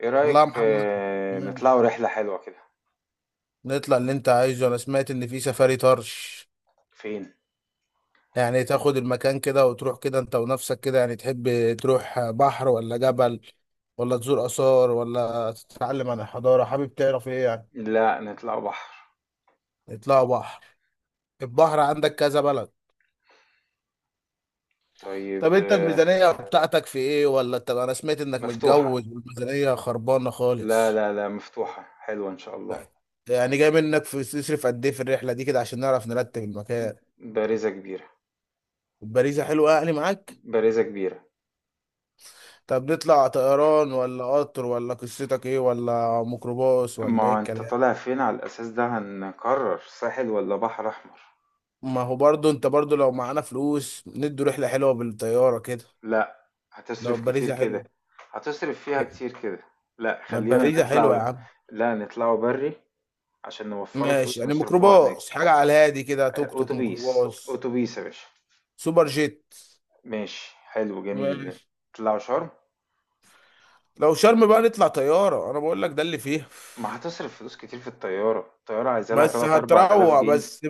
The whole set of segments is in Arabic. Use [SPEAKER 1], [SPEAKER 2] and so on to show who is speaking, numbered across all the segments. [SPEAKER 1] ايه
[SPEAKER 2] والله
[SPEAKER 1] رأيك
[SPEAKER 2] يا محمد،
[SPEAKER 1] نطلعوا
[SPEAKER 2] ماشي.
[SPEAKER 1] رحلة حلوة كده.
[SPEAKER 2] نطلع اللي انت عايزه. انا سمعت ان في سفاري طرش.
[SPEAKER 1] فين؟
[SPEAKER 2] يعني تاخد المكان كده وتروح كده انت ونفسك كده، يعني تحب تروح بحر ولا جبل ولا تزور آثار ولا تتعلم عن الحضارة؟ حابب تعرف ايه يعني؟
[SPEAKER 1] لا، نطلعوا بحر.
[SPEAKER 2] اطلعوا بحر. البحر عندك كذا بلد.
[SPEAKER 1] طيب
[SPEAKER 2] طب انت الميزانية بتاعتك في ايه؟ ولا طب انا سمعت انك
[SPEAKER 1] مفتوحة.
[SPEAKER 2] متجوز والميزانية خربانة
[SPEAKER 1] لا
[SPEAKER 2] خالص.
[SPEAKER 1] لا لا، مفتوحة، حلوة ان شاء الله.
[SPEAKER 2] يعني جاي منك في تصرف قد ايه في الرحلة دي كده عشان نعرف نرتب المكان.
[SPEAKER 1] بارزة كبيرة.
[SPEAKER 2] البريزة حلوة يعني معاك.
[SPEAKER 1] بارزة كبيرة.
[SPEAKER 2] طب نطلع طيران ولا قطر ولا قصتك ايه، ولا ميكروباص ولا ايه
[SPEAKER 1] ما انت
[SPEAKER 2] الكلام؟
[SPEAKER 1] طالع فين على الاساس ده هنقرر ساحل ولا بحر احمر؟
[SPEAKER 2] ما هو برضو انت لو معانا فلوس ندي رحلة حلوة بالطيارة كده.
[SPEAKER 1] لا.
[SPEAKER 2] لو
[SPEAKER 1] هتصرف كتير
[SPEAKER 2] باريزة
[SPEAKER 1] كده.
[SPEAKER 2] حلوة.
[SPEAKER 1] هتصرف فيها كتير كده. لا
[SPEAKER 2] ما
[SPEAKER 1] خلينا
[SPEAKER 2] باريزة حلوة يا
[SPEAKER 1] نطلع.
[SPEAKER 2] عم.
[SPEAKER 1] لا نطلعوا بري، عشان نوفروا
[SPEAKER 2] ماشي،
[SPEAKER 1] فلوس
[SPEAKER 2] يعني
[SPEAKER 1] نصرفوها
[SPEAKER 2] ميكروباص
[SPEAKER 1] هناك.
[SPEAKER 2] حاجة على الهادي كده، توك توك،
[SPEAKER 1] اتوبيس
[SPEAKER 2] ميكروباص،
[SPEAKER 1] اتوبيس يا باشا.
[SPEAKER 2] سوبر جيت.
[SPEAKER 1] ماشي، حلو، جميل.
[SPEAKER 2] ماشي.
[SPEAKER 1] اطلعوا شرم.
[SPEAKER 2] لو شرم بقى نطلع طيارة، انا بقول لك ده اللي فيها.
[SPEAKER 1] ما هتصرف فلوس كتير في الطيارة. الطيارة عايزة لها
[SPEAKER 2] بس
[SPEAKER 1] تلات أربع تلاف
[SPEAKER 2] هتروق،
[SPEAKER 1] جنيه.
[SPEAKER 2] بس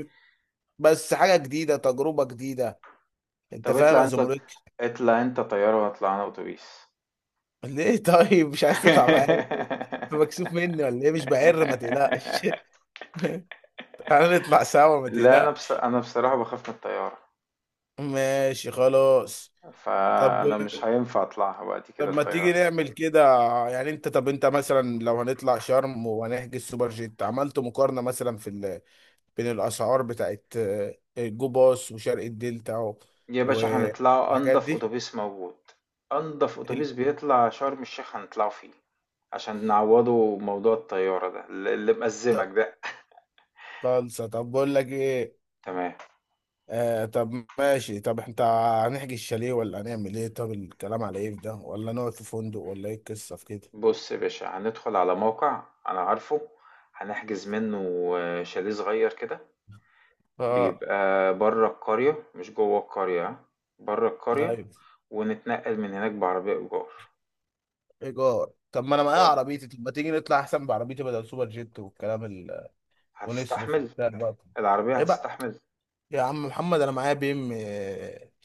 [SPEAKER 2] حاجة جديدة، تجربة جديدة. انت
[SPEAKER 1] طب
[SPEAKER 2] فاهم
[SPEAKER 1] اطلع
[SPEAKER 2] يا
[SPEAKER 1] انت.
[SPEAKER 2] زمرك؟
[SPEAKER 1] اطلع انت طيارة واطلع انا اتوبيس.
[SPEAKER 2] ليه طيب مش عايز تطلع معايا ليه؟ انت مكسوف مني ولا ايه؟ مش بعر، ما تقلقش. تعالى نطلع سوا، ما
[SPEAKER 1] لا،
[SPEAKER 2] تقلقش.
[SPEAKER 1] انا بصراحة بخاف من الطيارة.
[SPEAKER 2] ماشي، خلاص. طب
[SPEAKER 1] فانا مش هينفع اطلعها بعد كده
[SPEAKER 2] طب ما تيجي
[SPEAKER 1] الطيارة.
[SPEAKER 2] نعمل كده. يعني انت انت مثلا لو هنطلع شرم وهنحجز سوبر جيت، عملت مقارنة مثلا في بين الاسعار بتاعت جو باص وشرق الدلتا
[SPEAKER 1] يا باشا هنطلعوا
[SPEAKER 2] والحاجات
[SPEAKER 1] انضف
[SPEAKER 2] دي.
[SPEAKER 1] اتوبيس موجود. انضف
[SPEAKER 2] ال-
[SPEAKER 1] اتوبيس بيطلع شرم الشيخ هنطلعه فيه، عشان نعوضه موضوع الطيارة ده اللي مأزمك
[SPEAKER 2] طب
[SPEAKER 1] ده.
[SPEAKER 2] خالصة، طب بقول لك ايه.
[SPEAKER 1] تمام.
[SPEAKER 2] آه، طب ماشي. طب انت هنحجز الشاليه ولا هنعمل ايه؟ طب الكلام على ايه في ده، ولا نقعد في فندق ولا ايه القصه في كده؟
[SPEAKER 1] بُص يا باشا، هندخل على موقع أنا عارفه، هنحجز منّه شاليه صغير كده.
[SPEAKER 2] اه،
[SPEAKER 1] بيبقى برّه القرية مش جوّه القرية، ها، برّه القرية.
[SPEAKER 2] ايوه.
[SPEAKER 1] ونتنقّل من هناك بعربية إيجار.
[SPEAKER 2] ايجار؟ طب ما انا معايا
[SPEAKER 1] آه،
[SPEAKER 2] عربيتي، طب ما تيجي نطلع احسن بعربيتي بدل سوبر جيت والكلام ونصرف
[SPEAKER 1] هتستحمل؟
[SPEAKER 2] وبتاع بقى.
[SPEAKER 1] العربية
[SPEAKER 2] ايه بقى،
[SPEAKER 1] هتستحمل؟
[SPEAKER 2] يا عم محمد انا معايا بي ام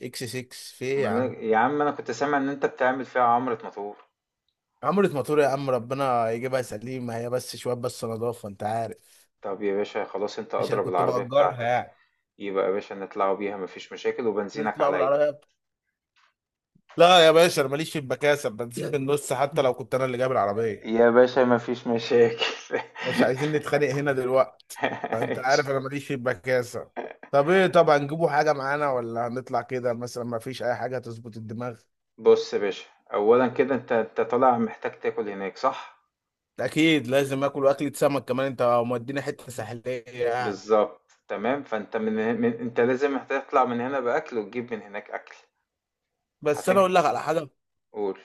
[SPEAKER 2] اكس 6، في ايه
[SPEAKER 1] ما
[SPEAKER 2] يا
[SPEAKER 1] أنا
[SPEAKER 2] عم؟
[SPEAKER 1] يا عم أنا كنت سامع إن أنت بتعمل فيها عمرة مطور.
[SPEAKER 2] عمرة موتور يا عم، ربنا يجيبها سليمة هي، بس شوية بس نضافة انت عارف،
[SPEAKER 1] طَب يا باشا خلاص، أنت
[SPEAKER 2] عشان
[SPEAKER 1] أدرى
[SPEAKER 2] كنت
[SPEAKER 1] بالعربية
[SPEAKER 2] بأجرها
[SPEAKER 1] بتاعتك،
[SPEAKER 2] يعني.
[SPEAKER 1] يبقى يا باشا نطلعوا بيها، ما فيش مشاكل، وبنزينك
[SPEAKER 2] نطلع
[SPEAKER 1] عليّا.
[SPEAKER 2] بالعربية. لا يا باشا، انا ماليش في المكاسب، بنزل من النص حتى لو كنت انا اللي جايب العربيه.
[SPEAKER 1] يا باشا ما فيش مشاكل.
[SPEAKER 2] مش عايزين نتخانق هنا دلوقتي. انت
[SPEAKER 1] ماشي.
[SPEAKER 2] عارف انا ماليش في المكاسب. طب ايه، طبعا نجيبوا حاجه معانا ولا هنطلع كده مثلا؟ ما فيش اي حاجه تظبط الدماغ؟
[SPEAKER 1] بص يا باشا، اولا كده انت طالع محتاج تاكل هناك صح؟
[SPEAKER 2] اكيد لازم اكل، اكله سمك كمان، انت مودينا حته ساحليه يعني.
[SPEAKER 1] بالظبط، تمام. فانت من انت لازم هتطلع من هنا باكل وتجيب من هناك اكل.
[SPEAKER 2] بس انا
[SPEAKER 1] هتج
[SPEAKER 2] اقول لك على حاجه،
[SPEAKER 1] قول.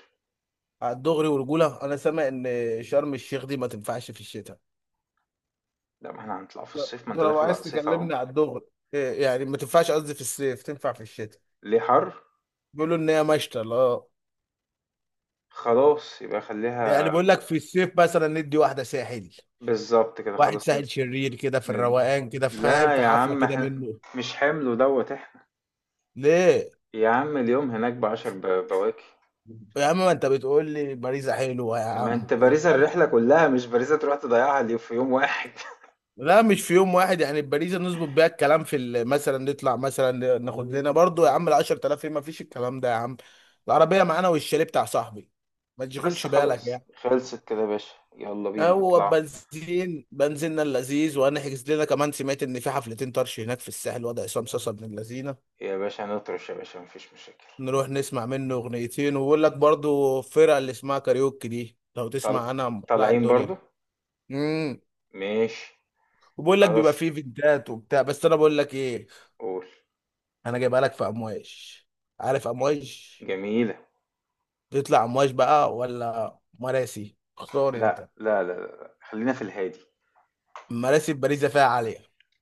[SPEAKER 2] على الدغري ورجوله، انا سامع ان شرم الشيخ دي ما تنفعش في الشتاء.
[SPEAKER 1] لا، ما احنا هنطلع في
[SPEAKER 2] ده
[SPEAKER 1] الصيف، ما
[SPEAKER 2] ده
[SPEAKER 1] انت
[SPEAKER 2] لو
[SPEAKER 1] داخل على
[SPEAKER 2] عايز
[SPEAKER 1] الصيف اهو.
[SPEAKER 2] تكلمني على الدغري. إيه يعني ما تنفعش؟ قصدي في الصيف تنفع، في الشتاء
[SPEAKER 1] ليه؟ حر.
[SPEAKER 2] بيقولوا ان هي مشتى لا.
[SPEAKER 1] خلاص يبقى
[SPEAKER 2] يعني
[SPEAKER 1] خليها.
[SPEAKER 2] بقول لك في الصيف مثلا ندي واحده ساحل،
[SPEAKER 1] بالظبط كده
[SPEAKER 2] واحد
[SPEAKER 1] خلاص ن...
[SPEAKER 2] ساحل شرير كده في
[SPEAKER 1] ن...
[SPEAKER 2] الروقان كده فاهم،
[SPEAKER 1] لا
[SPEAKER 2] في
[SPEAKER 1] يا
[SPEAKER 2] حفله
[SPEAKER 1] عم،
[SPEAKER 2] كده
[SPEAKER 1] احنا
[SPEAKER 2] منه.
[SPEAKER 1] مش حمل دوت احنا.
[SPEAKER 2] ليه
[SPEAKER 1] يا عم اليوم هناك بعشر بواكي.
[SPEAKER 2] يا عم، ما انت بتقول لي باريزا حلوه يا
[SPEAKER 1] ما
[SPEAKER 2] عم.
[SPEAKER 1] انت بارزة الرحلة كلها، مش بارزة تروح تضيعها في يوم واحد.
[SPEAKER 2] لا مش في يوم واحد، يعني باريزا نظبط بيها الكلام في مثلا نطلع، مثلا ناخد لنا برضو يا عم ال 10,000. ايه ما فيش الكلام ده يا عم؟ العربيه معانا والشاليه بتاع صاحبي، ما
[SPEAKER 1] بس
[SPEAKER 2] تشغلش بالك
[SPEAKER 1] خلاص،
[SPEAKER 2] يعني،
[SPEAKER 1] خلصت كده يا باشا، يلا بينا
[SPEAKER 2] هو
[SPEAKER 1] نطلع.
[SPEAKER 2] بنزين بنزيننا اللذيذ. وهنحجز لنا كمان، سمعت ان في حفلتين طرش هناك في الساحل وضع عصام صاصا ابن اللذينه.
[SPEAKER 1] يا باشا نطرش، يا باشا مفيش مشاكل.
[SPEAKER 2] نروح نسمع منه اغنيتين. وبقول لك برضو الفرقه اللي اسمها كاريوكي دي، لو
[SPEAKER 1] طل...
[SPEAKER 2] تسمع عنها مولعه
[SPEAKER 1] طالعين
[SPEAKER 2] الدنيا.
[SPEAKER 1] برضو.
[SPEAKER 2] امم.
[SPEAKER 1] ماشي.
[SPEAKER 2] وبقول لك بيبقى
[SPEAKER 1] خلاص.
[SPEAKER 2] فيه فيديوهات وبتاع، بس انا بقول لك ايه،
[SPEAKER 1] قول.
[SPEAKER 2] انا جايبها لك في امواج. عارف امواج؟
[SPEAKER 1] جميلة.
[SPEAKER 2] تطلع امواج بقى ولا مراسي؟ اختار
[SPEAKER 1] لا
[SPEAKER 2] انت.
[SPEAKER 1] لا لا لا، خلينا في الهادي.
[SPEAKER 2] مراسي في باريس فيها عاليه.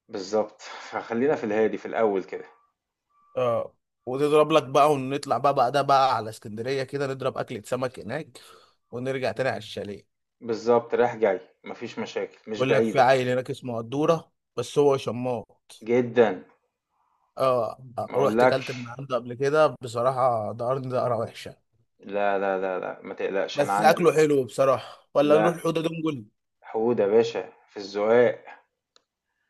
[SPEAKER 1] بالظبط. خلينا في الهادي في الأول كده.
[SPEAKER 2] اه. وتضرب لك بقى، ونطلع بقى بعدها بقى على اسكندريه كده، نضرب اكله سمك هناك، ونرجع تاني على الشاليه.
[SPEAKER 1] بالظبط، رايح جاي مفيش مشاكل، مش
[SPEAKER 2] بقول لك في
[SPEAKER 1] بعيدة
[SPEAKER 2] عيل هناك اسمه قدوره، بس هو شماط.
[SPEAKER 1] جدا.
[SPEAKER 2] اه،
[SPEAKER 1] ما
[SPEAKER 2] رحت كلت من
[SPEAKER 1] اقولكش.
[SPEAKER 2] عنده قبل كده بصراحة، دقرني دقرة وحشة.
[SPEAKER 1] لا لا لا لا، ما تقلقش انا
[SPEAKER 2] بس
[SPEAKER 1] عندي.
[SPEAKER 2] أكله حلو بصراحة. ولا نروح
[SPEAKER 1] لا.
[SPEAKER 2] حوضة دونجل؟
[SPEAKER 1] حودة يا باشا في الزقاق.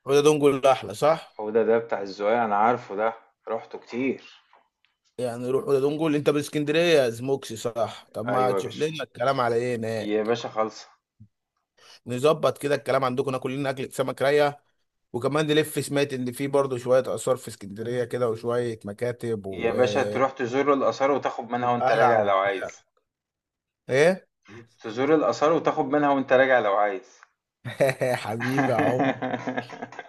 [SPEAKER 2] حوضة دونجل أحلى صح؟
[SPEAKER 1] حودة ده بتاع الزقاق، انا عارفه ده، رحته كتير.
[SPEAKER 2] يعني نروح حوضة دونجل. أنت من اسكندرية زموكسي صح؟ طب ما
[SPEAKER 1] ايوه يا
[SPEAKER 2] تشوف
[SPEAKER 1] باشا.
[SPEAKER 2] لنا الكلام على إيه
[SPEAKER 1] يا
[SPEAKER 2] هناك.
[SPEAKER 1] باشا خالصة.
[SPEAKER 2] نظبط كده الكلام عندكم، ناكل لنا أكلة سمك راية، وكمان نلف. سمعت إن في برضه شوية آثار في اسكندرية كده وشوية مكاتب
[SPEAKER 1] يا باشا تروح تزور الآثار وتاخد منها وأنت
[SPEAKER 2] وقلعة
[SPEAKER 1] راجع لو
[SPEAKER 2] وبتاع.
[SPEAKER 1] عايز.
[SPEAKER 2] إيه؟
[SPEAKER 1] تزور الآثار وتاخد منها وأنت راجع لو عايز.
[SPEAKER 2] حبيبي يا عمر.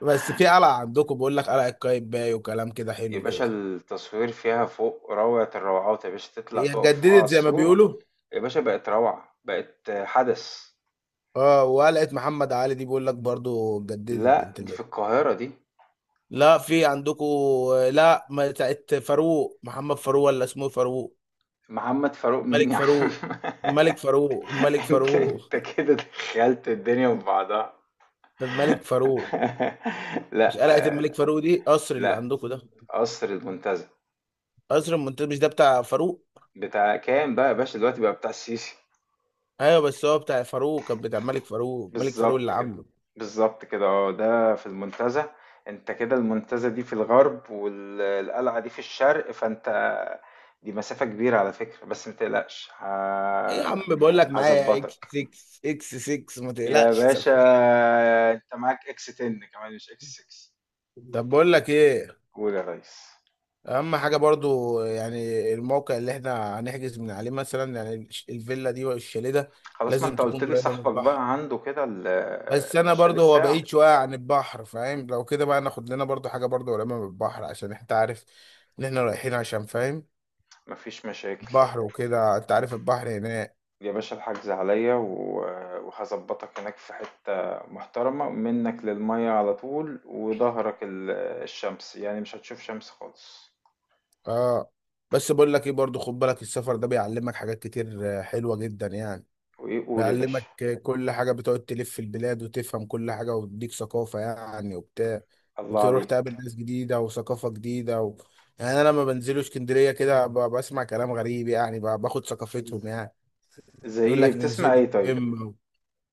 [SPEAKER 2] بس في قلعة عندكم، بقول لك قلعة قايتباي وكلام كده
[SPEAKER 1] يا
[SPEAKER 2] حلو كده.
[SPEAKER 1] باشا التصوير فيها فوق روعة الروعات، يا باشا تطلع
[SPEAKER 2] هي
[SPEAKER 1] تقف فوق على
[SPEAKER 2] اتجددت زي ما
[SPEAKER 1] السور.
[SPEAKER 2] بيقولوا.
[SPEAKER 1] يا باشا بقت روعة، بقت حدث.
[SPEAKER 2] اه، وقلقت محمد علي دي بيقول لك برضو اتجددت
[SPEAKER 1] لا،
[SPEAKER 2] بنت
[SPEAKER 1] دي في
[SPEAKER 2] اللذين.
[SPEAKER 1] القاهرة دي.
[SPEAKER 2] لا، في عندكم. لا، ما بتاعت فاروق، محمد فاروق، ولا اسمه فاروق؟
[SPEAKER 1] محمد فاروق مين
[SPEAKER 2] ملك
[SPEAKER 1] يا عم؟
[SPEAKER 2] فاروق. ملك فاروق ملك
[SPEAKER 1] انت
[SPEAKER 2] فاروق
[SPEAKER 1] انت كده دخلت الدنيا في بعضها.
[SPEAKER 2] الملك فاروق. مش
[SPEAKER 1] لا.
[SPEAKER 2] قلقة الملك
[SPEAKER 1] آه،
[SPEAKER 2] فاروق دي قصر اللي
[SPEAKER 1] لا،
[SPEAKER 2] عندكم ده؟
[SPEAKER 1] قصر المنتزه.
[SPEAKER 2] قصر المنتزه مش ده بتاع فاروق؟
[SPEAKER 1] بتاع كام بقى يا باشا، دلوقتي بقى بتاع السيسي.
[SPEAKER 2] ايوه بس هو بتاع فاروق، كان بتاع ملك فاروق، ملك فاروق
[SPEAKER 1] بالظبط
[SPEAKER 2] اللي
[SPEAKER 1] كده.
[SPEAKER 2] عامله.
[SPEAKER 1] بالظبط كده، اه، ده في المنتزه. انت كده المنتزه دي في الغرب والقلعه دي في الشرق، فانت دي مسافه كبيره على فكره، بس متقلقش
[SPEAKER 2] ايه يا عم، بقول لك معايا اكس
[SPEAKER 1] هظبطك.
[SPEAKER 2] 6، اكس 6 ما
[SPEAKER 1] يا
[SPEAKER 2] تقلقش.
[SPEAKER 1] باشا انت معاك اكس 10 كمان مش اكس 6.
[SPEAKER 2] طب بقول لك ايه،
[SPEAKER 1] قول يا ريس.
[SPEAKER 2] اهم حاجه برضو يعني الموقع اللي احنا هنحجز من عليه مثلا، يعني الفيلا دي والشاليه ده
[SPEAKER 1] خلاص، ما
[SPEAKER 2] لازم
[SPEAKER 1] انت قلت
[SPEAKER 2] تكون
[SPEAKER 1] لي
[SPEAKER 2] قريبه من
[SPEAKER 1] صاحبك
[SPEAKER 2] البحر.
[SPEAKER 1] بقى عنده كده
[SPEAKER 2] بس انا
[SPEAKER 1] الشاليه
[SPEAKER 2] برضو هو
[SPEAKER 1] بتاعه.
[SPEAKER 2] بعيد شويه عن البحر فاهم، لو كده بقى ناخد لنا برضو حاجه برضو قريبه من البحر عشان انت عارف ان احنا رايحين عشان فاهم،
[SPEAKER 1] مفيش مشاكل.
[SPEAKER 2] بحر وكده انت عارف البحر هناك.
[SPEAKER 1] يا باشا الحجز عليا وهظبطك هناك في حتة محترمة منك للمية على طول، وظهرك الشمس، يعني مش هتشوف شمس خالص.
[SPEAKER 2] اه. بس بقول لك ايه برضو، خد بالك، السفر ده بيعلمك حاجات كتير حلوه جدا يعني.
[SPEAKER 1] وإيه؟ قول يا باشا.
[SPEAKER 2] بيعلمك كل حاجة، بتقعد تلف في البلاد وتفهم كل حاجة وتديك ثقافة يعني وبتاع،
[SPEAKER 1] الله
[SPEAKER 2] وتروح تقابل
[SPEAKER 1] عليك.
[SPEAKER 2] ناس جديدة وثقافة جديدة يعني أنا لما بنزلوا اسكندرية كده بسمع كلام غريب يعني، باخد ثقافتهم يعني.
[SPEAKER 1] زي
[SPEAKER 2] يقول
[SPEAKER 1] إيه؟
[SPEAKER 2] لك
[SPEAKER 1] بتسمع
[SPEAKER 2] ننزلوا
[SPEAKER 1] إيه طيب؟
[SPEAKER 2] إما،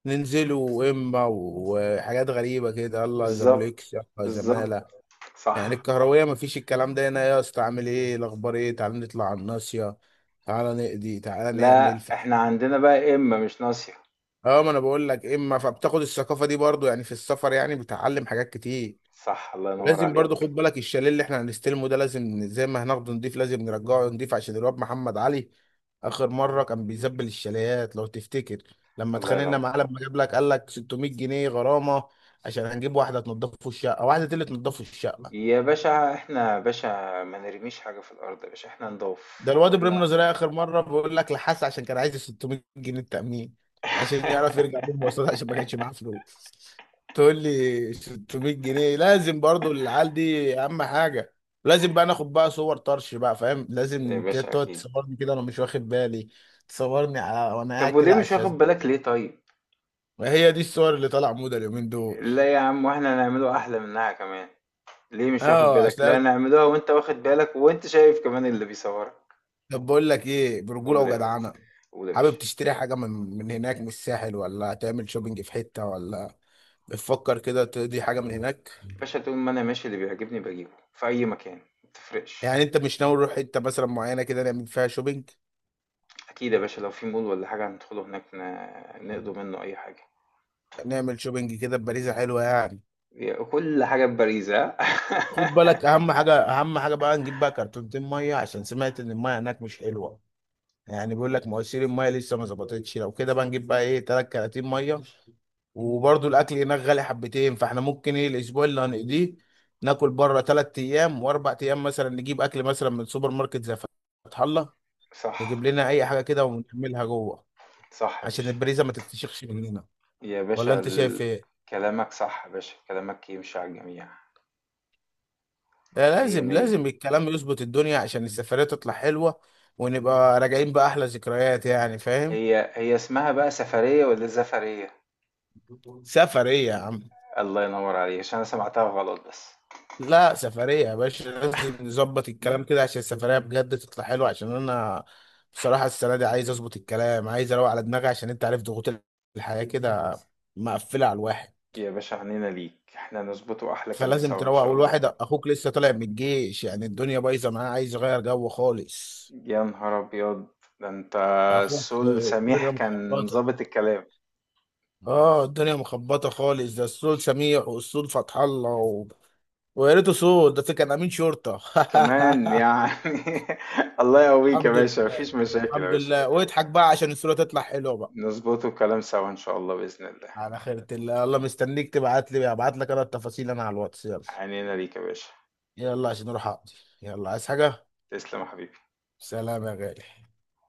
[SPEAKER 2] ننزلوا إما، وحاجات غريبة كده، الله
[SPEAKER 1] بالظبط.
[SPEAKER 2] زموليكس، الله
[SPEAKER 1] بالظبط.
[SPEAKER 2] زمالة. يعني
[SPEAKER 1] صح.
[SPEAKER 2] الكهروية مفيش الكلام ده هنا. يا اسطى، عامل إيه الأخبار، إيه، تعالى نطلع على الناصية، تعالى نقضي، تعالى نعمل.
[SPEAKER 1] لا إحنا عندنا بقى إما مش ناصية.
[SPEAKER 2] اه، ما انا بقول لك اما، فبتاخد الثقافه دي برضو يعني في السفر، يعني بتعلم حاجات كتير.
[SPEAKER 1] صح، الله ينور
[SPEAKER 2] لازم برضو
[SPEAKER 1] عليك.
[SPEAKER 2] خد بالك، الشاليه اللي احنا هنستلمه ده لازم زي ما هناخده نضيف لازم نرجعه نضيف، عشان الواد محمد علي اخر مره كان بيزبل الشاليات لو تفتكر، لما
[SPEAKER 1] الله
[SPEAKER 2] اتخانقنا
[SPEAKER 1] ينور.
[SPEAKER 2] معاه لما جاب لك قال لك 600 جنيه غرامه. عشان هنجيب واحده تنضفه الشقه، واحده اللي تنضفه الشقه.
[SPEAKER 1] يا باشا إحنا، يا باشا ما نرميش حاجة في الأرض. يا باشا إحنا
[SPEAKER 2] ده
[SPEAKER 1] نضاف،
[SPEAKER 2] الواد ابراهيم
[SPEAKER 1] وإحنا
[SPEAKER 2] نظرية اخر مره بيقول لك لحس، عشان كان عايز 600 جنيه التامين عشان يعرف يرجع بيهم مواصلات عشان ما كانش معاه فلوس. تقول لي 600 جنيه. لازم برضو العيال دي اهم حاجه. لازم بقى ناخد بقى صور طرش بقى فاهم،
[SPEAKER 1] يا
[SPEAKER 2] لازم
[SPEAKER 1] باشا
[SPEAKER 2] تقعد
[SPEAKER 1] أكيد.
[SPEAKER 2] تصورني كده وانا مش واخد بالي. تصورني على وانا قاعد
[SPEAKER 1] طب وليه
[SPEAKER 2] كده على
[SPEAKER 1] مش واخد
[SPEAKER 2] الشاشه،
[SPEAKER 1] بالك ليه طيب؟
[SPEAKER 2] وهي دي الصور اللي طالعه موضه اليومين دول.
[SPEAKER 1] لا يا عم، واحنا هنعمله احلى منها كمان. ليه مش واخد
[SPEAKER 2] اه
[SPEAKER 1] بالك؟ لا
[SPEAKER 2] عشان،
[SPEAKER 1] نعملوها وانت واخد بالك، وانت شايف كمان اللي بيصورك.
[SPEAKER 2] طب بقول لك ايه برجوله
[SPEAKER 1] قول يا ريس.
[SPEAKER 2] وجدعنه،
[SPEAKER 1] قول يا
[SPEAKER 2] حابب
[SPEAKER 1] باشا.
[SPEAKER 2] تشتري حاجه من من هناك من الساحل ولا تعمل شوبينج في حته، ولا بتفكر كده تقضي حاجة من هناك؟
[SPEAKER 1] باشا طول ما انا ماشي، اللي بيعجبني بجيبه في اي مكان، ما تفرقش.
[SPEAKER 2] يعني انت مش ناوي نروح حتة مثلا معينة كده نعمل فيها شوبينج؟
[SPEAKER 1] اكيد يا باشا، لو في مول ولا حاجة هندخله، هناك نقضوا منه اي حاجة.
[SPEAKER 2] نعمل شوبينج كده بباريزة حلوة يعني.
[SPEAKER 1] كل حاجة ببريزة.
[SPEAKER 2] خد بالك، اهم حاجة، اهم حاجة بقى نجيب بقى كرتونتين مية، عشان سمعت ان المية هناك مش حلوة، يعني بيقول لك مواسير المية لسه ما ظبطتش. لو كده بقى نجيب بقى ايه تلات كراتين مية. وبرضه الاكل هناك غالي حبتين، فاحنا ممكن ايه الاسبوع اللي هنقضيه ناكل بره تلات ايام واربع ايام، مثلا نجيب اكل مثلا من سوبر ماركت زي فتح الله.
[SPEAKER 1] صح.
[SPEAKER 2] نجيب لنا اي حاجة كده ونعملها جوه
[SPEAKER 1] صح يا
[SPEAKER 2] عشان
[SPEAKER 1] باشا.
[SPEAKER 2] البريزة ما تتفشخش مننا.
[SPEAKER 1] يا
[SPEAKER 2] ولا
[SPEAKER 1] باشا
[SPEAKER 2] انت شايف ايه؟
[SPEAKER 1] كلامك صح يا باشا، كلامك يمشي على الجميع.
[SPEAKER 2] ده
[SPEAKER 1] مية
[SPEAKER 2] لازم،
[SPEAKER 1] مية.
[SPEAKER 2] لازم الكلام يظبط الدنيا عشان السفرية تطلع حلوة ونبقى راجعين بأحلى ذكريات يعني فاهم.
[SPEAKER 1] هي هي اسمها بقى سفرية ولا زفرية؟
[SPEAKER 2] سفرية يا عم،
[SPEAKER 1] الله ينور عليك، عشان انا سمعتها غلط بس.
[SPEAKER 2] لا سفرية يا باشا، لازم نظبط الكلام كده عشان السفرية بجد تطلع حلوة، عشان انا بصراحة السنة دي عايز اظبط الكلام، عايز اروق على دماغي عشان انت عارف ضغوط الحياة كده مقفلة على الواحد،
[SPEAKER 1] يا باشا عنينا ليك، احنا نظبطه احلى كلام
[SPEAKER 2] فلازم
[SPEAKER 1] سوا ان
[SPEAKER 2] تروق.
[SPEAKER 1] شاء الله.
[SPEAKER 2] والواحد اخوك لسه طالع من الجيش يعني، الدنيا بايظة معاه، عايز يغير جو خالص.
[SPEAKER 1] يا نهار ابيض، ده انت
[SPEAKER 2] اخوك
[SPEAKER 1] السول سميح
[SPEAKER 2] الدنيا
[SPEAKER 1] كان
[SPEAKER 2] مخبطه.
[SPEAKER 1] ظابط الكلام.
[SPEAKER 2] اه الدنيا مخبطه خالص، ده السود سميح، والسود فتح الله ويا ريته سود، ده كان امين شرطه.
[SPEAKER 1] كمان يعني. الله يقويك يا
[SPEAKER 2] الحمد
[SPEAKER 1] باشا،
[SPEAKER 2] لله.
[SPEAKER 1] مفيش مشاكل يا
[SPEAKER 2] الحمد
[SPEAKER 1] باشا.
[SPEAKER 2] لله، واضحك بقى عشان الصوره تطلع حلوه بقى.
[SPEAKER 1] نظبطه الكلام سوا ان شاء الله، باذن الله.
[SPEAKER 2] على خيرة الله. الله مستنيك، تبعت لي، ابعت لك انا التفاصيل انا على الواتس، يلا.
[SPEAKER 1] عنينا ليك يا باشا.
[SPEAKER 2] يلا عشان اروح اقضي. يلا، عايز حاجه؟
[SPEAKER 1] تسلم يا حبيبي.
[SPEAKER 2] سلام يا غالي.